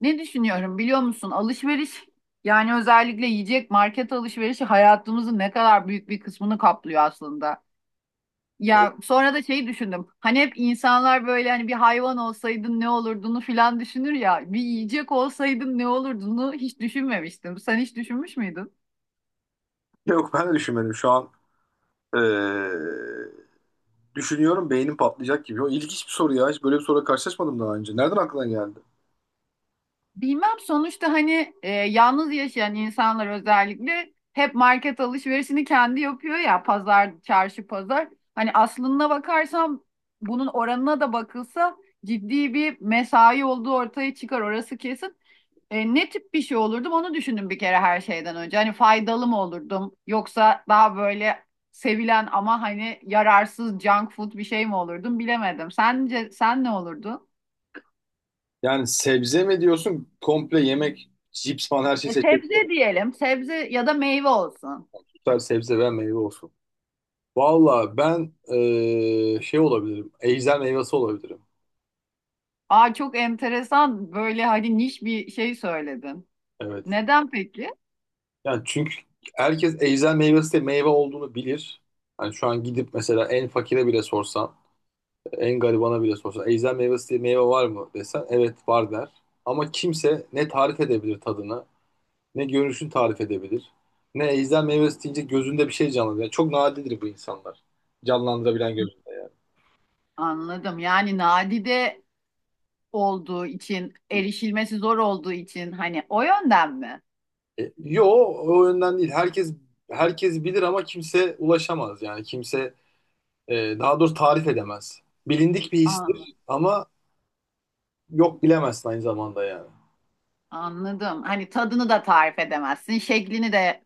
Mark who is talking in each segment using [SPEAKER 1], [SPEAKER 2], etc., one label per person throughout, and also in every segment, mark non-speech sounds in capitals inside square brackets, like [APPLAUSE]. [SPEAKER 1] Ne düşünüyorum biliyor musun? Alışveriş yani özellikle yiyecek market alışverişi hayatımızın ne kadar büyük bir kısmını kaplıyor aslında. Ya sonra da şeyi düşündüm. Hani hep insanlar böyle hani bir hayvan olsaydın ne olurduğunu filan düşünür ya. Bir yiyecek olsaydın ne olurduğunu hiç düşünmemiştim. Sen hiç düşünmüş müydün?
[SPEAKER 2] Yok ben de düşünmedim. Şu an eee, düşünüyorum, beynim patlayacak gibi. O ilginç bir soru ya. Hiç böyle bir soruyla karşılaşmadım daha önce. Nereden aklına geldi?
[SPEAKER 1] Bilmem sonuçta hani yalnız yaşayan insanlar özellikle hep market alışverişini kendi yapıyor ya pazar, çarşı pazar. Hani aslına bakarsam bunun oranına da bakılsa ciddi bir mesai olduğu ortaya çıkar orası kesin. Ne tip bir şey olurdum onu düşündüm bir kere her şeyden önce. Hani faydalı mı olurdum yoksa daha böyle sevilen ama hani yararsız junk food bir şey mi olurdum bilemedim. Sence sen ne olurdun?
[SPEAKER 2] Yani sebze mi diyorsun, komple yemek, cips falan her şeyi seçebilirim.
[SPEAKER 1] Sebze diyelim. Sebze ya da meyve olsun.
[SPEAKER 2] Tutar, sebze veya meyve olsun. Valla ben şey olabilirim. Ejder meyvesi olabilirim.
[SPEAKER 1] Aa çok enteresan böyle hani niş bir şey söyledin.
[SPEAKER 2] Evet.
[SPEAKER 1] Neden peki?
[SPEAKER 2] Yani çünkü herkes ejder meyvesi de meyve olduğunu bilir. Hani şu an gidip mesela en fakire bile sorsan, en garibana bile sorsa, ejder meyvesi diye meyve var mı desen, evet var der. Ama kimse ne tarif edebilir tadını, ne görünüşünü tarif edebilir. Ne ejder meyvesi deyince gözünde bir şey canlanır. Yani çok nadirdir bu insanlar. Canlandırabilen gözünde.
[SPEAKER 1] Anladım. Yani nadide olduğu için, erişilmesi zor olduğu için hani o yönden mi?
[SPEAKER 2] E, yo, o yönden değil. Herkes bilir ama kimse ulaşamaz. Yani kimse, daha doğrusu, tarif edemez. Bilindik bir
[SPEAKER 1] Anladım.
[SPEAKER 2] histir ama yok, bilemezsin aynı zamanda yani.
[SPEAKER 1] Anladım. Hani tadını da tarif edemezsin. Şeklini de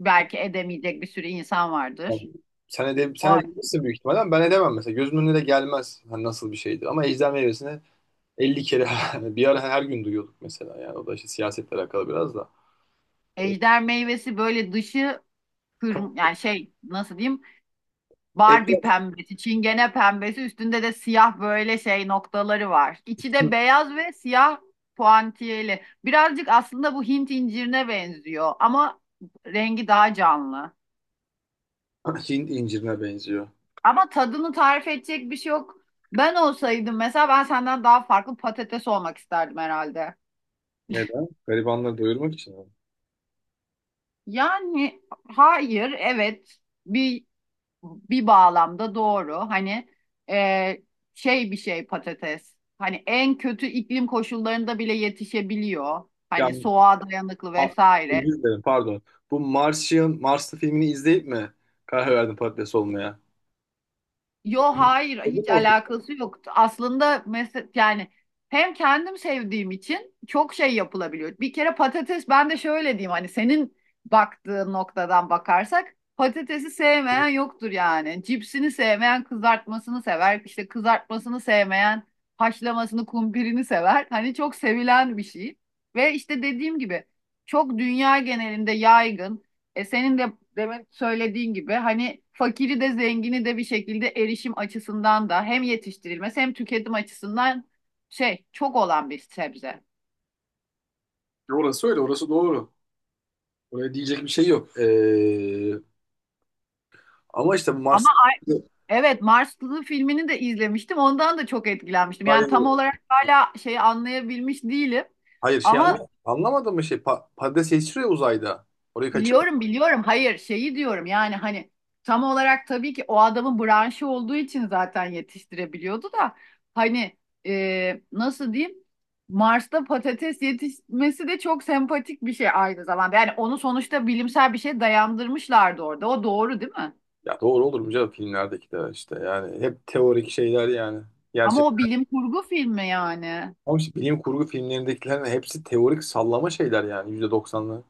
[SPEAKER 1] belki edemeyecek bir sürü insan
[SPEAKER 2] Yani
[SPEAKER 1] vardır.
[SPEAKER 2] sen
[SPEAKER 1] O
[SPEAKER 2] edebilirsin büyük ihtimalle ama ben edemem mesela. Gözümün önüne de gelmez hani nasıl bir şeydi. Ama ejder meyvesini 50 kere [LAUGHS] bir ara her gün duyuyorduk mesela. Yani o da işte siyasetle alakalı biraz da.
[SPEAKER 1] ejder meyvesi böyle dışı
[SPEAKER 2] Ka-
[SPEAKER 1] yani şey nasıl diyeyim? Barbie
[SPEAKER 2] Ejder
[SPEAKER 1] pembesi, çingene pembesi, üstünde de siyah böyle şey noktaları var. İçi de beyaz ve siyah puantiyeli. Birazcık aslında bu Hint incirine benziyor ama rengi daha canlı.
[SPEAKER 2] [LAUGHS] Hint incirine benziyor.
[SPEAKER 1] Ama tadını tarif edecek bir şey yok. Ben olsaydım mesela ben senden daha farklı patates olmak isterdim herhalde.
[SPEAKER 2] Neden? Garibanları doyurmak için mi?
[SPEAKER 1] Yani hayır, evet bir bir bağlamda doğru. Hani e, şey bir şey patates. Hani en kötü iklim koşullarında bile yetişebiliyor. Hani
[SPEAKER 2] Yani
[SPEAKER 1] soğuğa dayanıklı
[SPEAKER 2] a- özür
[SPEAKER 1] vesaire.
[SPEAKER 2] dilerim, pardon. Bu Martian, Marslı filmini izleyip mi karar verdin patates olmaya?
[SPEAKER 1] Yo hayır
[SPEAKER 2] Dedim mi
[SPEAKER 1] hiç
[SPEAKER 2] o filmi?
[SPEAKER 1] alakası yoktu. Aslında mesela yani hem kendim sevdiğim için çok şey yapılabiliyor. Bir kere patates ben de şöyle diyeyim hani senin baktığın noktadan bakarsak patatesi sevmeyen yoktur yani. Cipsini sevmeyen kızartmasını sever. İşte kızartmasını sevmeyen haşlamasını kumpirini sever. Hani çok sevilen bir şey. Ve işte dediğim gibi çok dünya genelinde yaygın. E senin de demin söylediğin gibi hani fakiri de zengini de bir şekilde erişim açısından da hem yetiştirilmesi hem tüketim açısından şey çok olan bir sebze.
[SPEAKER 2] Orası öyle, orası doğru. Oraya diyecek bir şey yok. Ama işte Mars.
[SPEAKER 1] Ama evet Marslı filmini de izlemiştim. Ondan da çok etkilenmiştim. Yani tam olarak hala şeyi anlayabilmiş değilim.
[SPEAKER 2] Hayır, şey,
[SPEAKER 1] Ama
[SPEAKER 2] anlamadım mı, şey, patates yetiştiriyor uzayda. Orayı kaçırdım.
[SPEAKER 1] Biliyorum biliyorum. Hayır şeyi diyorum yani hani tam olarak tabii ki o adamın branşı olduğu için zaten yetiştirebiliyordu da hani nasıl diyeyim Mars'ta patates yetişmesi de çok sempatik bir şey aynı zamanda. Yani onu sonuçta bilimsel bir şey dayandırmışlardı orada. O doğru değil mi?
[SPEAKER 2] Ya doğru olur mu canım, filmlerdeki de işte yani hep teorik şeyler yani.
[SPEAKER 1] Ama
[SPEAKER 2] Gerçek.
[SPEAKER 1] o bilim kurgu filmi yani.
[SPEAKER 2] Ama işte bilim kurgu filmlerindekilerin hepsi teorik sallama şeyler yani, %90'lı.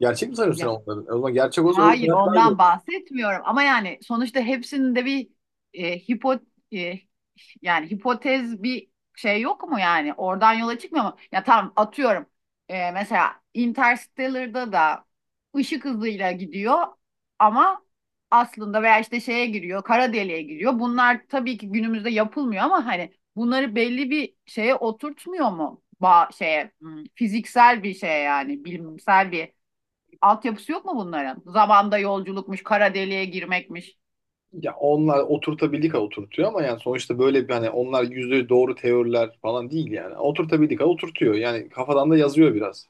[SPEAKER 2] Gerçek mi sanıyorsun sen
[SPEAKER 1] Ya,
[SPEAKER 2] onları? O zaman gerçek olsa öyle
[SPEAKER 1] hayır,
[SPEAKER 2] hayatlardı.
[SPEAKER 1] ondan bahsetmiyorum. Ama yani sonuçta hepsinin de bir e, hipo e, yani hipotez bir şey yok mu yani? Oradan yola çıkmıyor mu? Ya tamam atıyorum. Mesela Interstellar'da da ışık hızıyla gidiyor ama aslında veya işte şeye giriyor, kara deliğe giriyor. Bunlar tabii ki günümüzde yapılmıyor ama hani bunları belli bir şeye oturtmuyor mu? Ba şeye fiziksel bir şeye yani bilimsel bir altyapısı yok mu bunların? Zamanda yolculukmuş, kara deliğe girmekmiş.
[SPEAKER 2] Ya onlar oturtabildik ha oturtuyor ama yani sonuçta böyle bir hani, onlar yüzde doğru teoriler falan değil yani. Oturtabildik ha oturtuyor. Yani kafadan da yazıyor biraz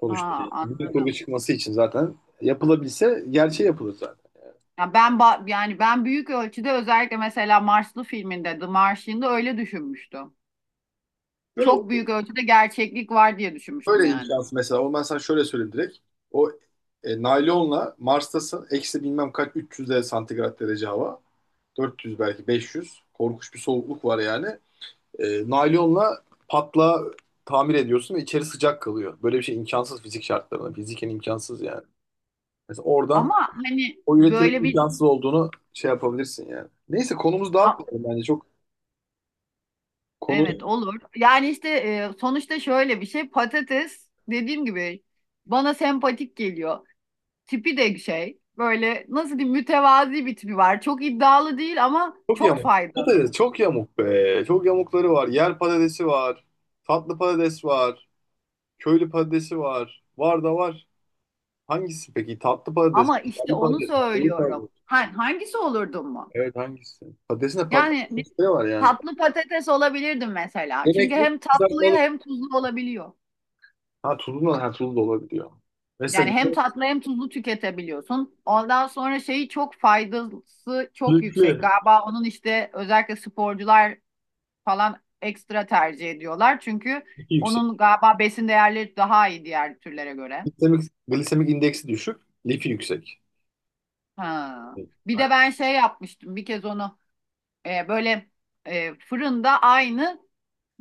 [SPEAKER 2] sonuçta.
[SPEAKER 1] Aa,
[SPEAKER 2] Yani bilim kurgu
[SPEAKER 1] anladım.
[SPEAKER 2] çıkması için zaten, yapılabilse gerçeği yapılır zaten.
[SPEAKER 1] Ya yani ben büyük ölçüde özellikle mesela Marslı filminde The Martian'da öyle düşünmüştüm.
[SPEAKER 2] Böyle
[SPEAKER 1] Çok büyük ölçüde gerçeklik var diye düşünmüştüm
[SPEAKER 2] Böyle
[SPEAKER 1] yani.
[SPEAKER 2] imkansız mesela. O, ben sana şöyle söyleyeyim direkt. O naylonla Mars'tasın. Eksi bilmem kaç 300 de santigrat derece hava. 400, belki 500. Korkunç bir soğukluk var yani. Naylonla tamir ediyorsun ve içeri sıcak kalıyor. Böyle bir şey imkansız fizik şartlarında. Fiziken imkansız yani. Mesela oradan
[SPEAKER 1] Ama hani
[SPEAKER 2] o üretimin
[SPEAKER 1] böyle bir
[SPEAKER 2] imkansız olduğunu şey yapabilirsin yani. Neyse, konumuzu
[SPEAKER 1] A-
[SPEAKER 2] dağıtmayalım bence. Çok konu
[SPEAKER 1] evet olur. Yani işte sonuçta şöyle bir şey patates dediğim gibi bana sempatik geliyor. Tipi de şey böyle nasıl diyeyim mütevazi bir tipi var. Çok iddialı değil ama
[SPEAKER 2] çok
[SPEAKER 1] çok
[SPEAKER 2] yamuk.
[SPEAKER 1] faydalı.
[SPEAKER 2] Patates çok yamuk be. Çok yamukları var. Yer patatesi var. Tatlı patates var. Köylü patatesi var. Var da var. Hangisi peki? Tatlı patates,
[SPEAKER 1] Ama işte
[SPEAKER 2] şekerli
[SPEAKER 1] onu
[SPEAKER 2] patates, köylü patates.
[SPEAKER 1] söylüyorum. Hangisi olurdun mu?
[SPEAKER 2] Evet, hangisi? Patatesin de
[SPEAKER 1] Yani
[SPEAKER 2] patates
[SPEAKER 1] ne-
[SPEAKER 2] sosları var yani.
[SPEAKER 1] Tatlı patates olabilirdim mesela. Çünkü
[SPEAKER 2] Yemekli,
[SPEAKER 1] hem tatlıyı
[SPEAKER 2] kızartmalık.
[SPEAKER 1] hem tuzlu olabiliyor.
[SPEAKER 2] Ha tuzlu da, ha tuzlu da olabiliyor. Mesela
[SPEAKER 1] Yani hem
[SPEAKER 2] yemek,
[SPEAKER 1] tatlı hem tuzlu tüketebiliyorsun. Ondan sonra şeyi çok faydası çok yüksek.
[SPEAKER 2] lifli,
[SPEAKER 1] Galiba onun işte özellikle sporcular falan ekstra tercih ediyorlar. Çünkü
[SPEAKER 2] lifi yüksek.
[SPEAKER 1] onun galiba besin değerleri daha iyi diğer türlere göre.
[SPEAKER 2] Glisemik indeksi düşük, lifi yüksek.
[SPEAKER 1] Ha.
[SPEAKER 2] Evet,
[SPEAKER 1] Bir de
[SPEAKER 2] aynen.
[SPEAKER 1] ben şey yapmıştım bir kez onu böyle fırında aynı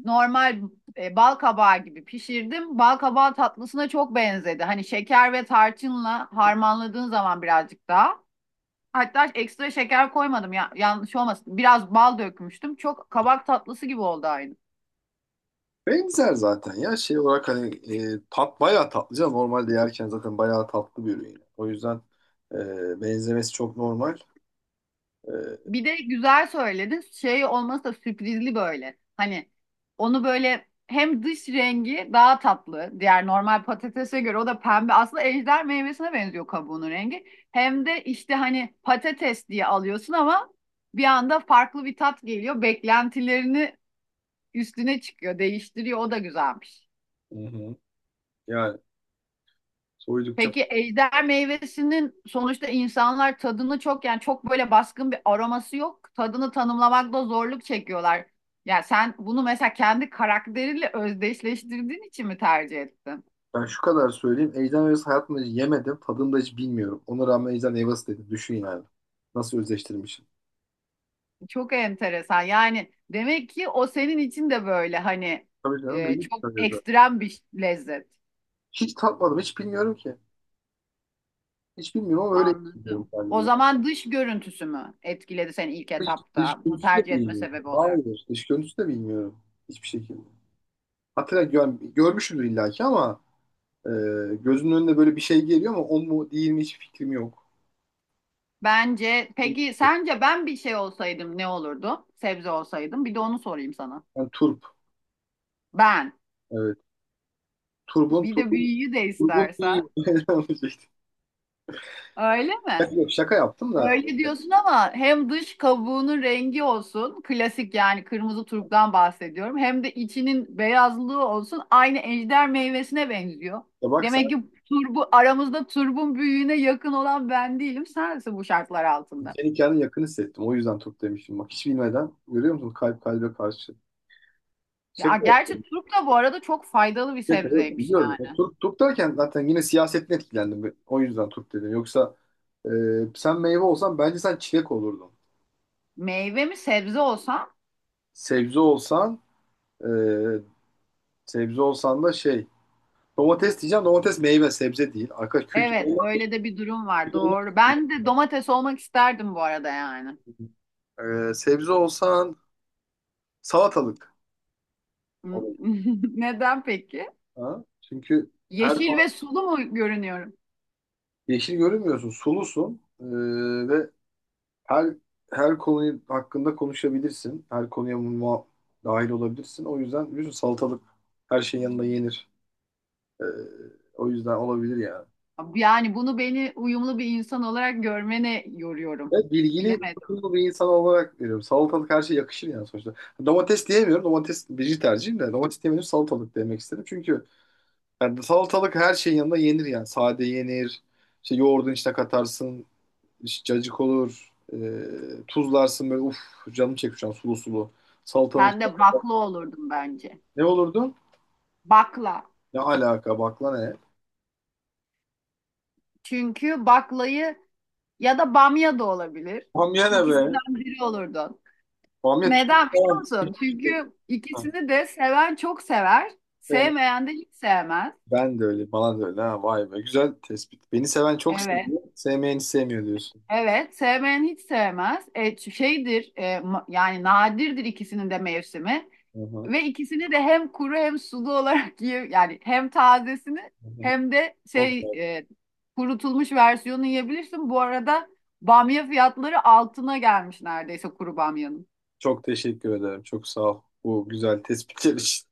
[SPEAKER 1] normal bal kabağı gibi pişirdim. Bal kabağı tatlısına çok benzedi. Hani şeker ve tarçınla harmanladığın zaman birazcık daha. Hatta ekstra şeker koymadım ya, yanlış olmasın. Biraz bal dökmüştüm. Çok kabak tatlısı gibi oldu aynı.
[SPEAKER 2] Benzer zaten ya, şey olarak hani, tat bayağı tatlı canım. Normalde yerken zaten bayağı tatlı bir ürün. O yüzden benzemesi çok normal. E,
[SPEAKER 1] Bir de güzel söyledin. Şey olması da sürprizli böyle. Hani onu böyle hem dış rengi daha tatlı. Diğer normal patatese göre o da pembe. Aslında ejder meyvesine benziyor kabuğunun rengi. Hem de işte hani patates diye alıyorsun ama bir anda farklı bir tat geliyor. Beklentilerini üstüne çıkıyor, değiştiriyor. O da güzelmiş.
[SPEAKER 2] Hı hı. Yani soydukça.
[SPEAKER 1] Peki ejder meyvesinin sonuçta insanlar tadını çok yani çok böyle baskın bir aroması yok. Tadını tanımlamakta zorluk çekiyorlar. Yani sen bunu mesela kendi karakteriyle özdeşleştirdiğin için mi tercih ettin?
[SPEAKER 2] Ben şu kadar söyleyeyim, ejder meyvesi hayatımda hiç yemedim. Tadını da hiç bilmiyorum. Ona rağmen ejder meyvesi dedi. Düşün yani. Nasıl özleştirmişim.
[SPEAKER 1] Çok enteresan. Yani demek ki o senin için de böyle hani
[SPEAKER 2] Tabii canım, benim için
[SPEAKER 1] çok
[SPEAKER 2] öyle zaten.
[SPEAKER 1] ekstrem bir lezzet.
[SPEAKER 2] Hiç tatmadım. Hiç bilmiyorum ki. Hiç bilmiyorum ama öyle hissediyorum
[SPEAKER 1] Anladım. O
[SPEAKER 2] kendimi.
[SPEAKER 1] zaman dış görüntüsü mü etkiledi seni ilk
[SPEAKER 2] Dış, dış
[SPEAKER 1] etapta bunu
[SPEAKER 2] görüntüsü de
[SPEAKER 1] tercih etme
[SPEAKER 2] bilmiyorum.
[SPEAKER 1] sebebi olarak?
[SPEAKER 2] Hayır. Dış görüntüsü de bilmiyorum. Hiçbir şekilde. Hatta görmüşümdür illaki ama, e, gözümün önüne böyle bir şey geliyor ama o mu değil mi, hiç fikrim yok.
[SPEAKER 1] Bence peki sence ben bir şey olsaydım ne olurdu? Sebze olsaydım. Bir de onu sorayım sana.
[SPEAKER 2] Yani turp.
[SPEAKER 1] Ben.
[SPEAKER 2] Evet. Turbun,
[SPEAKER 1] Bir de
[SPEAKER 2] turbun,
[SPEAKER 1] büyüyü de
[SPEAKER 2] turbun.
[SPEAKER 1] istersen. Öyle mi?
[SPEAKER 2] [LAUGHS] Şaka yaptım da.
[SPEAKER 1] Öyle diyorsun ama hem dış kabuğunun rengi olsun, klasik yani kırmızı turptan bahsediyorum. Hem de içinin beyazlığı olsun, aynı ejder meyvesine benziyor.
[SPEAKER 2] Ya bak sen.
[SPEAKER 1] Demek ki turbu aramızda turbun büyüğüne yakın olan ben değilim, sensin bu şartlar altında.
[SPEAKER 2] Senin hikayenin yakın hissettim. O yüzden Türk demiştim. Bak hiç bilmeden görüyor musun? Kalp kalbe karşı. Şaka
[SPEAKER 1] Ya
[SPEAKER 2] yok.
[SPEAKER 1] gerçi turp da bu arada çok faydalı bir
[SPEAKER 2] Evet, evet,
[SPEAKER 1] sebzeymiş
[SPEAKER 2] biliyorum. Ya,
[SPEAKER 1] yani.
[SPEAKER 2] Türk, Türk derken zaten yine siyasetten etkilendim. O yüzden Türk dedim. Yoksa, e, sen meyve olsan bence sen çilek olurdun.
[SPEAKER 1] Meyve mi sebze olsam?
[SPEAKER 2] Sebze olsan e, sebze olsan da şey, domates diyeceğim. Domates meyve, sebze değil. Arkadaş kültür
[SPEAKER 1] Evet,
[SPEAKER 2] olmak,
[SPEAKER 1] öyle de bir durum var.
[SPEAKER 2] kültür olmak.
[SPEAKER 1] Doğru. Ben de domates olmak isterdim bu arada yani.
[SPEAKER 2] Sebze olsan salatalık olurdun.
[SPEAKER 1] [LAUGHS] Neden peki?
[SPEAKER 2] Ha? Çünkü her
[SPEAKER 1] Yeşil ve sulu mu görünüyorum?
[SPEAKER 2] yeşil görünmüyorsun. Sulusun. Ve her her konuyu hakkında konuşabilirsin. Her konuya dahil olabilirsin. O yüzden biliyorsun, salatalık her şeyin yanında yenir. Ee, o yüzden olabilir yani.
[SPEAKER 1] Yani bunu beni uyumlu bir insan olarak görmene yoruyorum.
[SPEAKER 2] Evet, bilgili,
[SPEAKER 1] Bilemedim.
[SPEAKER 2] tutumlu bir insan olarak veriyorum. Salatalık her şeye yakışır yani sonuçta. Domates diyemiyorum. Domates birinci tercihim de. Domates diyemiyorum. Salatalık demek istedim. Çünkü yani salatalık her şeyin yanında yenir yani. Sade yenir. İşte yoğurdun içine katarsın. İşte cacık olur. Tuzlarsın böyle, uf canım çekti şu an, sulu sulu. Salatanın
[SPEAKER 1] Sen
[SPEAKER 2] içine.
[SPEAKER 1] de bakla olurdun bence.
[SPEAKER 2] Ne olurdu?
[SPEAKER 1] Bakla.
[SPEAKER 2] Ne alaka bak lan hele.
[SPEAKER 1] Çünkü baklayı ya da bamya da olabilir.
[SPEAKER 2] Bamya ne be?
[SPEAKER 1] İkisinden biri olurdun.
[SPEAKER 2] Bamya tüm,
[SPEAKER 1] Neden biliyor
[SPEAKER 2] tamam.
[SPEAKER 1] musun? Çünkü ikisini de seven çok sever,
[SPEAKER 2] Ben-
[SPEAKER 1] sevmeyen de hiç sevmez.
[SPEAKER 2] Ben de öyle, bana da öyle. Ha, vay be. Güzel tespit. Beni seven çok
[SPEAKER 1] Evet,
[SPEAKER 2] seviyor, sevmeyen hiç sevmiyor diyorsun.
[SPEAKER 1] evet, sevmeyen hiç sevmez. Yani nadirdir ikisinin de mevsimi.
[SPEAKER 2] Hı hı,
[SPEAKER 1] Ve ikisini de hem kuru hem sulu [LAUGHS] olarak yiyor. Yani hem tazesini
[SPEAKER 2] hı hı.
[SPEAKER 1] hem de
[SPEAKER 2] Okey.
[SPEAKER 1] kurutulmuş versiyonu yiyebilirsin. Bu arada bamya fiyatları altına gelmiş neredeyse kuru bamyanın.
[SPEAKER 2] Çok teşekkür ederim. Çok sağ ol, bu güzel tespitler için.